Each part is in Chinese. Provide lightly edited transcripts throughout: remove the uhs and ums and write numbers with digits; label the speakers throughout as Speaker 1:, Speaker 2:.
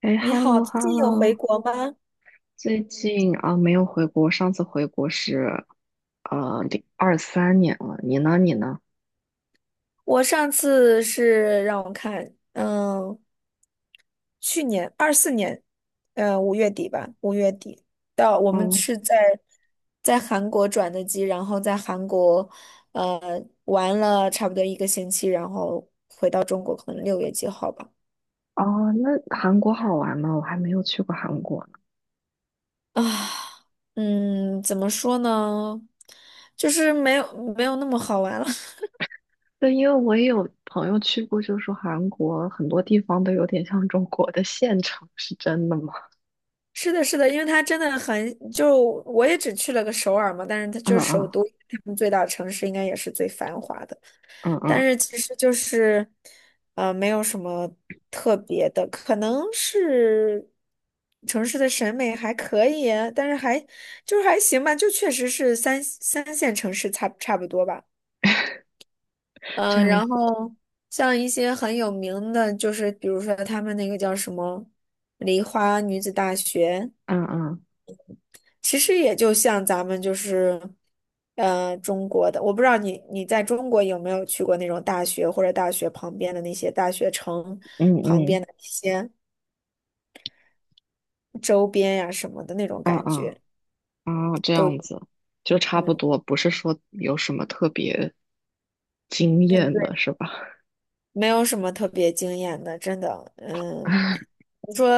Speaker 1: 哎
Speaker 2: 你好，
Speaker 1: ，hello
Speaker 2: 最近有回
Speaker 1: hello，
Speaker 2: 国吗？
Speaker 1: 最近啊、没有回国，上次回国是2023年了。你呢？你呢？
Speaker 2: 我上次是让我看，去年24年，五月底吧，五月底到我们
Speaker 1: 嗯。
Speaker 2: 是在韩国转的机，然后在韩国呃玩了差不多一个星期，然后回到中国，可能6月几号吧。
Speaker 1: 哦，那韩国好玩吗？我还没有去过韩国呢。
Speaker 2: 啊，怎么说呢？就是没有那么好玩了。
Speaker 1: 对，因为我也有朋友去过，就说韩国很多地方都有点像中国的县城，是真的吗？
Speaker 2: 是的，是的，因为它真的很，就我也只去了个首尔嘛，但是它就
Speaker 1: 嗯
Speaker 2: 是首
Speaker 1: 嗯
Speaker 2: 都，他们最大城市应该也是最繁华的，
Speaker 1: 嗯
Speaker 2: 但
Speaker 1: 嗯。
Speaker 2: 是其实就是，没有什么特别的，可能是城市的审美还可以啊，但是还就是还行吧，就确实是三线城市差不多吧，
Speaker 1: 这样
Speaker 2: 然
Speaker 1: 子。
Speaker 2: 后像一些很有名的，就是比如说他们那个叫什么梨花女子大学。
Speaker 1: 嗯嗯
Speaker 2: 其实也就像咱们就是，中国的，我不知道你在中国有没有去过那种大学或者大学旁边的那些大学城
Speaker 1: 嗯
Speaker 2: 旁边
Speaker 1: 嗯
Speaker 2: 的一些周边呀、什么的那种感
Speaker 1: 嗯
Speaker 2: 觉，
Speaker 1: 嗯，啊这
Speaker 2: 都
Speaker 1: 样子就
Speaker 2: 嗯
Speaker 1: 差不
Speaker 2: 嗯
Speaker 1: 多，不是说有什么特别惊
Speaker 2: 嗯，
Speaker 1: 艳的，
Speaker 2: 对，
Speaker 1: 是吧？
Speaker 2: 没有什么特别惊艳的，真的，嗯，你说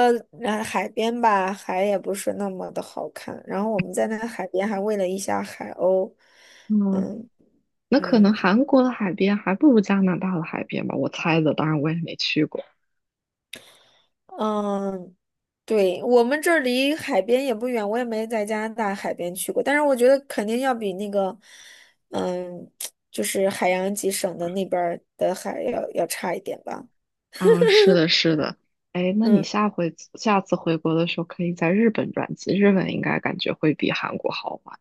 Speaker 2: 海边吧，海也不是那么的好看，然后我们在那个海边还喂了一下海鸥，
Speaker 1: 嗯，
Speaker 2: 嗯
Speaker 1: 那可能
Speaker 2: 嗯。
Speaker 1: 韩国的海边还不如加拿大的海边吧，我猜的，当然我也没去过。
Speaker 2: 嗯，对，我们这儿离海边也不远，我也没在加拿大海边去过，但是我觉得肯定要比那个，嗯，就是海洋几省的那边儿的海要差一点吧。
Speaker 1: 嗯，是的，是的。哎，那你
Speaker 2: 嗯，
Speaker 1: 下次回国的时候，可以在日本转机，日本应该感觉会比韩国好玩。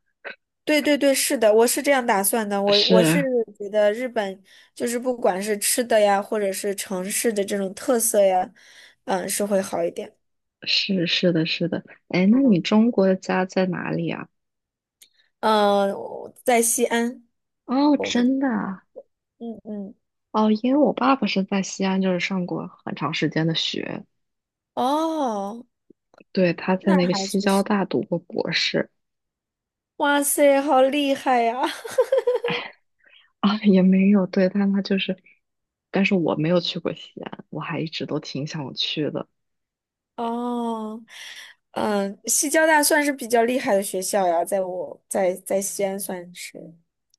Speaker 2: 对对对，是的，我是这样打算的。我是
Speaker 1: 是
Speaker 2: 觉得日本就是不管是吃的呀，或者是城市的这种特色呀，是会好一点。
Speaker 1: 是是的，是的。哎，那你
Speaker 2: 嗯
Speaker 1: 中国的家在哪里啊？
Speaker 2: 嗯，我在西安。
Speaker 1: 哦，真的啊。
Speaker 2: 嗯嗯，
Speaker 1: 哦，因为我爸爸是在西安，就是上过很长时间的学，
Speaker 2: 哦，
Speaker 1: 对，他在
Speaker 2: 那
Speaker 1: 那个
Speaker 2: 还
Speaker 1: 西
Speaker 2: 确
Speaker 1: 交
Speaker 2: 实。
Speaker 1: 大读过博士。
Speaker 2: 哇塞，好厉害呀！
Speaker 1: 啊，也没有，对，但他就是，但是我没有去过西安，我还一直都挺想去的。
Speaker 2: 哦，嗯，西交大算是比较厉害的学校呀，在我在在西安算是，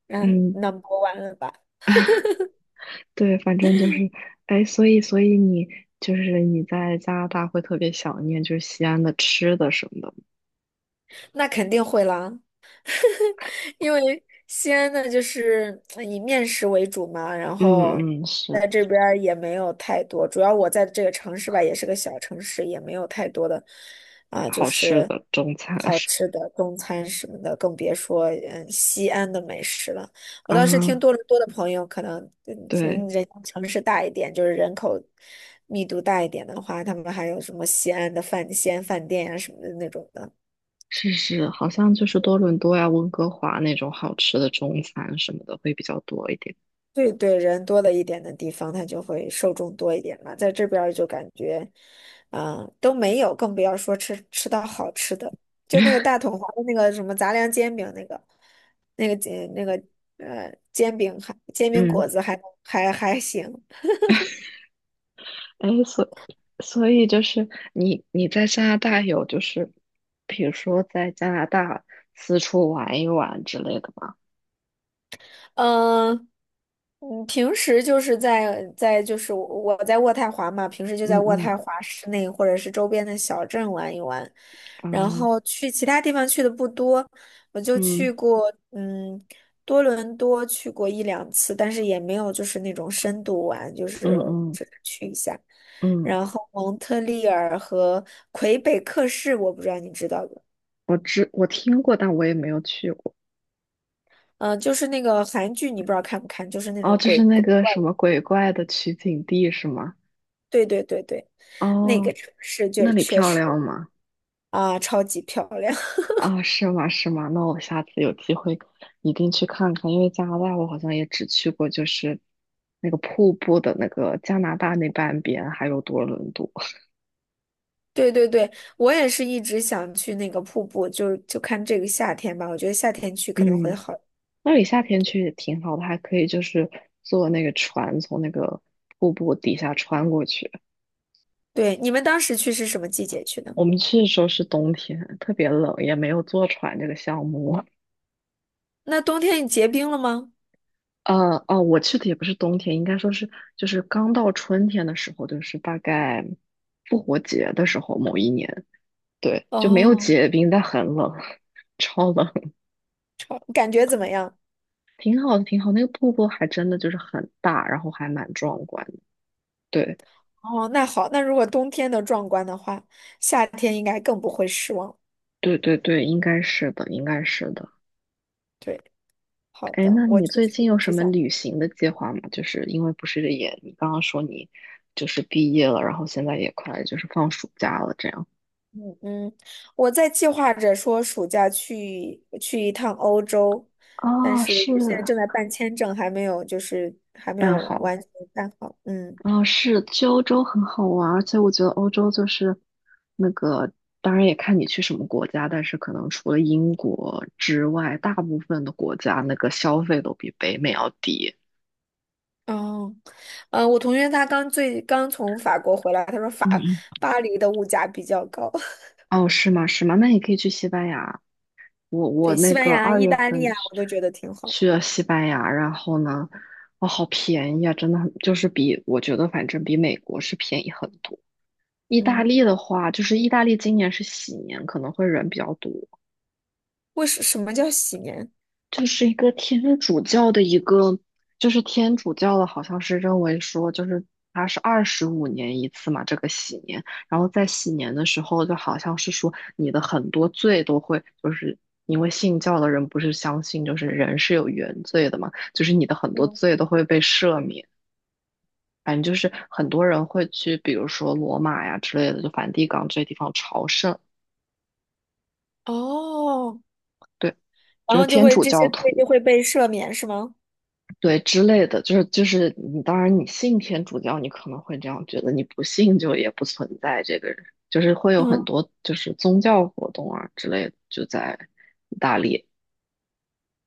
Speaker 2: 嗯
Speaker 1: 嗯。
Speaker 2: ，number one 了吧？
Speaker 1: 对，反正就是，哎，所以你就是你在加拿大会特别想念就是西安的吃的什么的。
Speaker 2: 那肯定会啦。因为西安呢，就是以面食为主嘛，然后
Speaker 1: 嗯嗯，是
Speaker 2: 在这边儿也没有太多，主要我在这个城市吧，也是个小城市，也没有太多的啊，就
Speaker 1: 好吃
Speaker 2: 是
Speaker 1: 的中餐。
Speaker 2: 好吃的中餐什么的，更别说西安的美食了。我倒是听
Speaker 1: 嗯，
Speaker 2: 多伦多的朋友，可能人
Speaker 1: 对，
Speaker 2: 人家城市大一点，就是人口密度大一点的话，他们还有什么西安饭店呀、什么的那种的。
Speaker 1: 是是，好像就是多伦多呀、温哥华那种好吃的中餐什么的会比较多一点。
Speaker 2: 对对，人多的一点的地方，它就会受众多一点嘛。在这边儿就感觉，啊、都没有，更不要说吃到好吃的。就那个大统华的那个什么杂粮煎饼，那个煎饼
Speaker 1: 嗯。
Speaker 2: 果子还行。
Speaker 1: 哎，所以就是你在加拿大有就是，比如说在加拿大四处玩一玩之类的吗？
Speaker 2: 嗯，平时就是在就是我在渥太华嘛，平时就在
Speaker 1: 嗯
Speaker 2: 渥太
Speaker 1: 嗯
Speaker 2: 华市内或者是周边的小镇玩一玩，然后
Speaker 1: 啊
Speaker 2: 去其他地方去的不多，我就去
Speaker 1: 嗯
Speaker 2: 过多伦多去过一两次，但是也没有就是那种深度玩，就
Speaker 1: 嗯
Speaker 2: 是
Speaker 1: 嗯
Speaker 2: 只是去一下，
Speaker 1: 嗯，
Speaker 2: 然后蒙特利尔和魁北克市，我不知道你知道不？
Speaker 1: 我听过，但我也没有去过。
Speaker 2: 嗯，就是那个韩剧，你不知道看不看？就是那
Speaker 1: 哦，
Speaker 2: 种
Speaker 1: 就
Speaker 2: 鬼
Speaker 1: 是那
Speaker 2: 鬼
Speaker 1: 个
Speaker 2: 怪
Speaker 1: 什
Speaker 2: 的，
Speaker 1: 么鬼怪的取景地是吗？
Speaker 2: 对对对对。那个
Speaker 1: 哦，
Speaker 2: 城市就
Speaker 1: 那里
Speaker 2: 确
Speaker 1: 漂
Speaker 2: 实
Speaker 1: 亮吗？
Speaker 2: 啊，超级漂亮。
Speaker 1: 啊，是吗？是吗？那我下次有机会一定去看看，因为加拿大我好像也只去过，就是那个瀑布的那个加拿大那半边，还有多伦多。
Speaker 2: 对对对，我也是一直想去那个瀑布，就看这个夏天吧。我觉得夏天去可能会
Speaker 1: 嗯，
Speaker 2: 好。
Speaker 1: 那里夏天去也挺好的，还可以就是坐那个船从那个瀑布底下穿过去。
Speaker 2: 对，你们当时去是什么季节去的？
Speaker 1: 我们去的时候是冬天，特别冷，也没有坐船这个项目。
Speaker 2: 那冬天结冰了吗？
Speaker 1: 哦，我去的也不是冬天，应该说是就是刚到春天的时候，就是大概复活节的时候，某一年。对，就没有
Speaker 2: 哦，
Speaker 1: 结冰，但很冷，超冷，
Speaker 2: 感觉怎么样？
Speaker 1: 挺好的，挺好。那个瀑布还真的就是很大，然后还蛮壮观的。
Speaker 2: 哦，那好，那如果冬天的壮观的话，夏天应该更不会失望。
Speaker 1: 对对对对，应该是的，应该是的。
Speaker 2: 对，好
Speaker 1: 哎，
Speaker 2: 的，
Speaker 1: 那
Speaker 2: 我
Speaker 1: 你
Speaker 2: 就
Speaker 1: 最
Speaker 2: 是
Speaker 1: 近有
Speaker 2: 一
Speaker 1: 什
Speaker 2: 直
Speaker 1: 么
Speaker 2: 想。
Speaker 1: 旅行的计划吗？就是因为不是也，你刚刚说你就是毕业了，然后现在也快就是放暑假了，这样。
Speaker 2: 嗯，嗯，我在计划着说暑假去一趟欧洲，但
Speaker 1: 啊，
Speaker 2: 是
Speaker 1: 是，
Speaker 2: 现在正在办签证，还没有就是还没
Speaker 1: 那
Speaker 2: 有
Speaker 1: 好。
Speaker 2: 完全办好。嗯，
Speaker 1: 哦，是，去欧洲很好玩儿而且我觉得欧洲就是那个，当然也看你去什么国家，但是可能除了英国之外，大部分的国家那个消费都比北美要低。
Speaker 2: 哦，嗯，我同学他刚从法国回来，他说
Speaker 1: 嗯嗯。
Speaker 2: 巴黎的物价比较高，
Speaker 1: 哦，是吗？是吗？那你可以去西班牙。我
Speaker 2: 对，
Speaker 1: 那
Speaker 2: 西班
Speaker 1: 个
Speaker 2: 牙、
Speaker 1: 二
Speaker 2: 意
Speaker 1: 月
Speaker 2: 大利
Speaker 1: 份
Speaker 2: 啊，我都觉得挺好。
Speaker 1: 去了西班牙，然后呢，哦，好便宜啊，真的很，就是比我觉得反正比美国是便宜很多。意大
Speaker 2: 嗯，
Speaker 1: 利的话，就是意大利今年是喜年，可能会人比较多，
Speaker 2: 为什么叫洗年？
Speaker 1: 就是一个天主教的一个，就是天主教的，好像是认为说，就是它是25年一次嘛，这个喜年，然后在喜年的时候，就好像是说你的很多罪都会，就是因为信教的人不是相信就是人是有原罪的嘛，就是你的很多
Speaker 2: 嗯，
Speaker 1: 罪都会被赦免。反正就是很多人会去，比如说罗马呀之类的，就梵蒂冈这些地方朝圣，
Speaker 2: 哦，
Speaker 1: 对，就
Speaker 2: 然
Speaker 1: 是
Speaker 2: 后就
Speaker 1: 天
Speaker 2: 会
Speaker 1: 主
Speaker 2: 这些
Speaker 1: 教
Speaker 2: 罪
Speaker 1: 徒。
Speaker 2: 就会被赦免是吗？
Speaker 1: 对之类的，就是你，当然你信天主教，你可能会这样觉得，你不信就也不存在这个人，就是会有很
Speaker 2: 嗯，
Speaker 1: 多就是宗教活动啊之类的，就在意大利。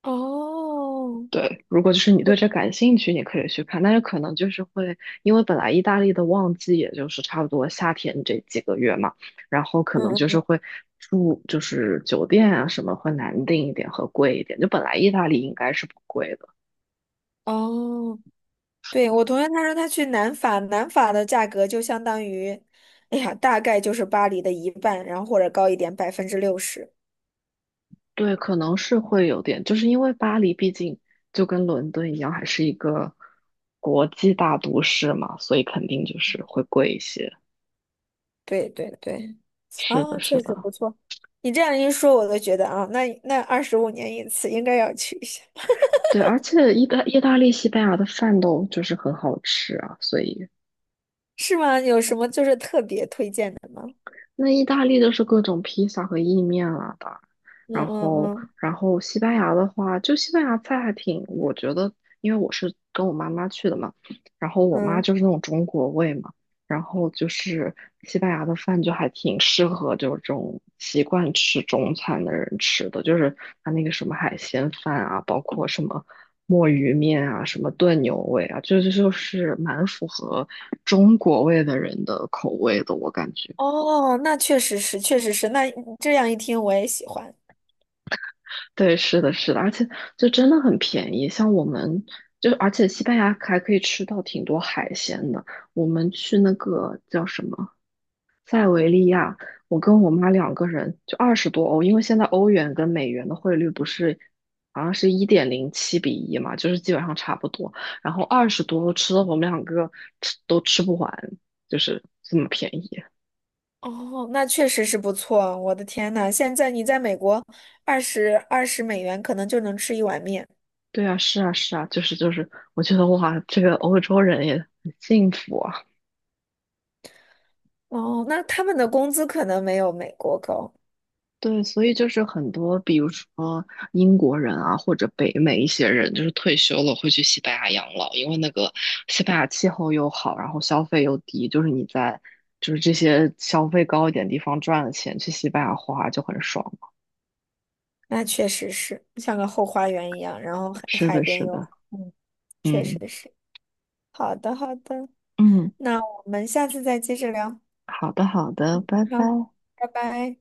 Speaker 2: 哦。
Speaker 1: 对，如果就是你
Speaker 2: 我。
Speaker 1: 对这感兴趣，你可以去看，但是可能就是会，因为本来意大利的旺季也就是差不多夏天这几个月嘛，然后可能就
Speaker 2: 嗯。
Speaker 1: 是会住就是酒店啊什么会难订一点和贵一点，就本来意大利应该是不贵的。
Speaker 2: 哦，对，我同学他说他去南法，南法的价格就相当于，哎呀，大概就是巴黎的一半，然后或者高一点，60%。
Speaker 1: 对，可能是会有点，就是因为巴黎毕竟就跟伦敦一样，还是一个国际大都市嘛，所以肯定就是会贵一些。
Speaker 2: 对对对，
Speaker 1: 是的，
Speaker 2: 啊，
Speaker 1: 是
Speaker 2: 确实
Speaker 1: 的，
Speaker 2: 不错。你这样一说，我都觉得啊，那25年一次应该要去一下，
Speaker 1: 对，而且意大利、西班牙的饭都就是很好吃啊，所以
Speaker 2: 是吗？有什么就是特别推荐的吗？
Speaker 1: 那意大利就是各种披萨和意面了吧？
Speaker 2: 嗯
Speaker 1: 然
Speaker 2: 嗯
Speaker 1: 后，
Speaker 2: 嗯
Speaker 1: 然后西班牙的话，就西班牙菜还挺，我觉得，因为我是跟我妈妈去的嘛，然后我妈
Speaker 2: 嗯，
Speaker 1: 就是那种中国胃嘛，然后就是西班牙的饭就还挺适合就是这种习惯吃中餐的人吃的，就是它那个什么海鲜饭啊，包括什么墨鱼面啊，什么炖牛尾啊，就是蛮符合中国味的人的口味的，我感觉。
Speaker 2: 哦，那确实是，确实是，那这样一听我也喜欢。
Speaker 1: 对，是的，是的，而且就真的很便宜。像我们就，而且西班牙还可以吃到挺多海鲜的。我们去那个叫什么塞维利亚，我跟我妈两个人就二十多欧，因为现在欧元跟美元的汇率不是好像是1.07比1嘛，就是基本上差不多。然后二十多欧吃的我们两个吃都吃不完，就是这么便宜。
Speaker 2: 哦，那确实是不错。我的天呐，现在你在美国，二十美元可能就能吃一碗面。
Speaker 1: 对啊，是啊，是啊，就是，我觉得哇，这个欧洲人也很幸福啊。
Speaker 2: 哦，那他们的工资可能没有美国高。
Speaker 1: 对，所以就是很多，比如说英国人啊，或者北美一些人，就是退休了会去西班牙养老，因为那个西班牙气候又好，然后消费又低，就是你在就是这些消费高一点地方赚了钱，去西班牙花就很爽。
Speaker 2: 那确实是像个后花园一样，然后海
Speaker 1: 是
Speaker 2: 海
Speaker 1: 的，
Speaker 2: 边
Speaker 1: 是
Speaker 2: 有，
Speaker 1: 的，
Speaker 2: 嗯，确实
Speaker 1: 嗯
Speaker 2: 是。好的，好的，
Speaker 1: 嗯，
Speaker 2: 那我们下次再接着聊。
Speaker 1: 好的，好的，拜拜。
Speaker 2: 好，拜拜。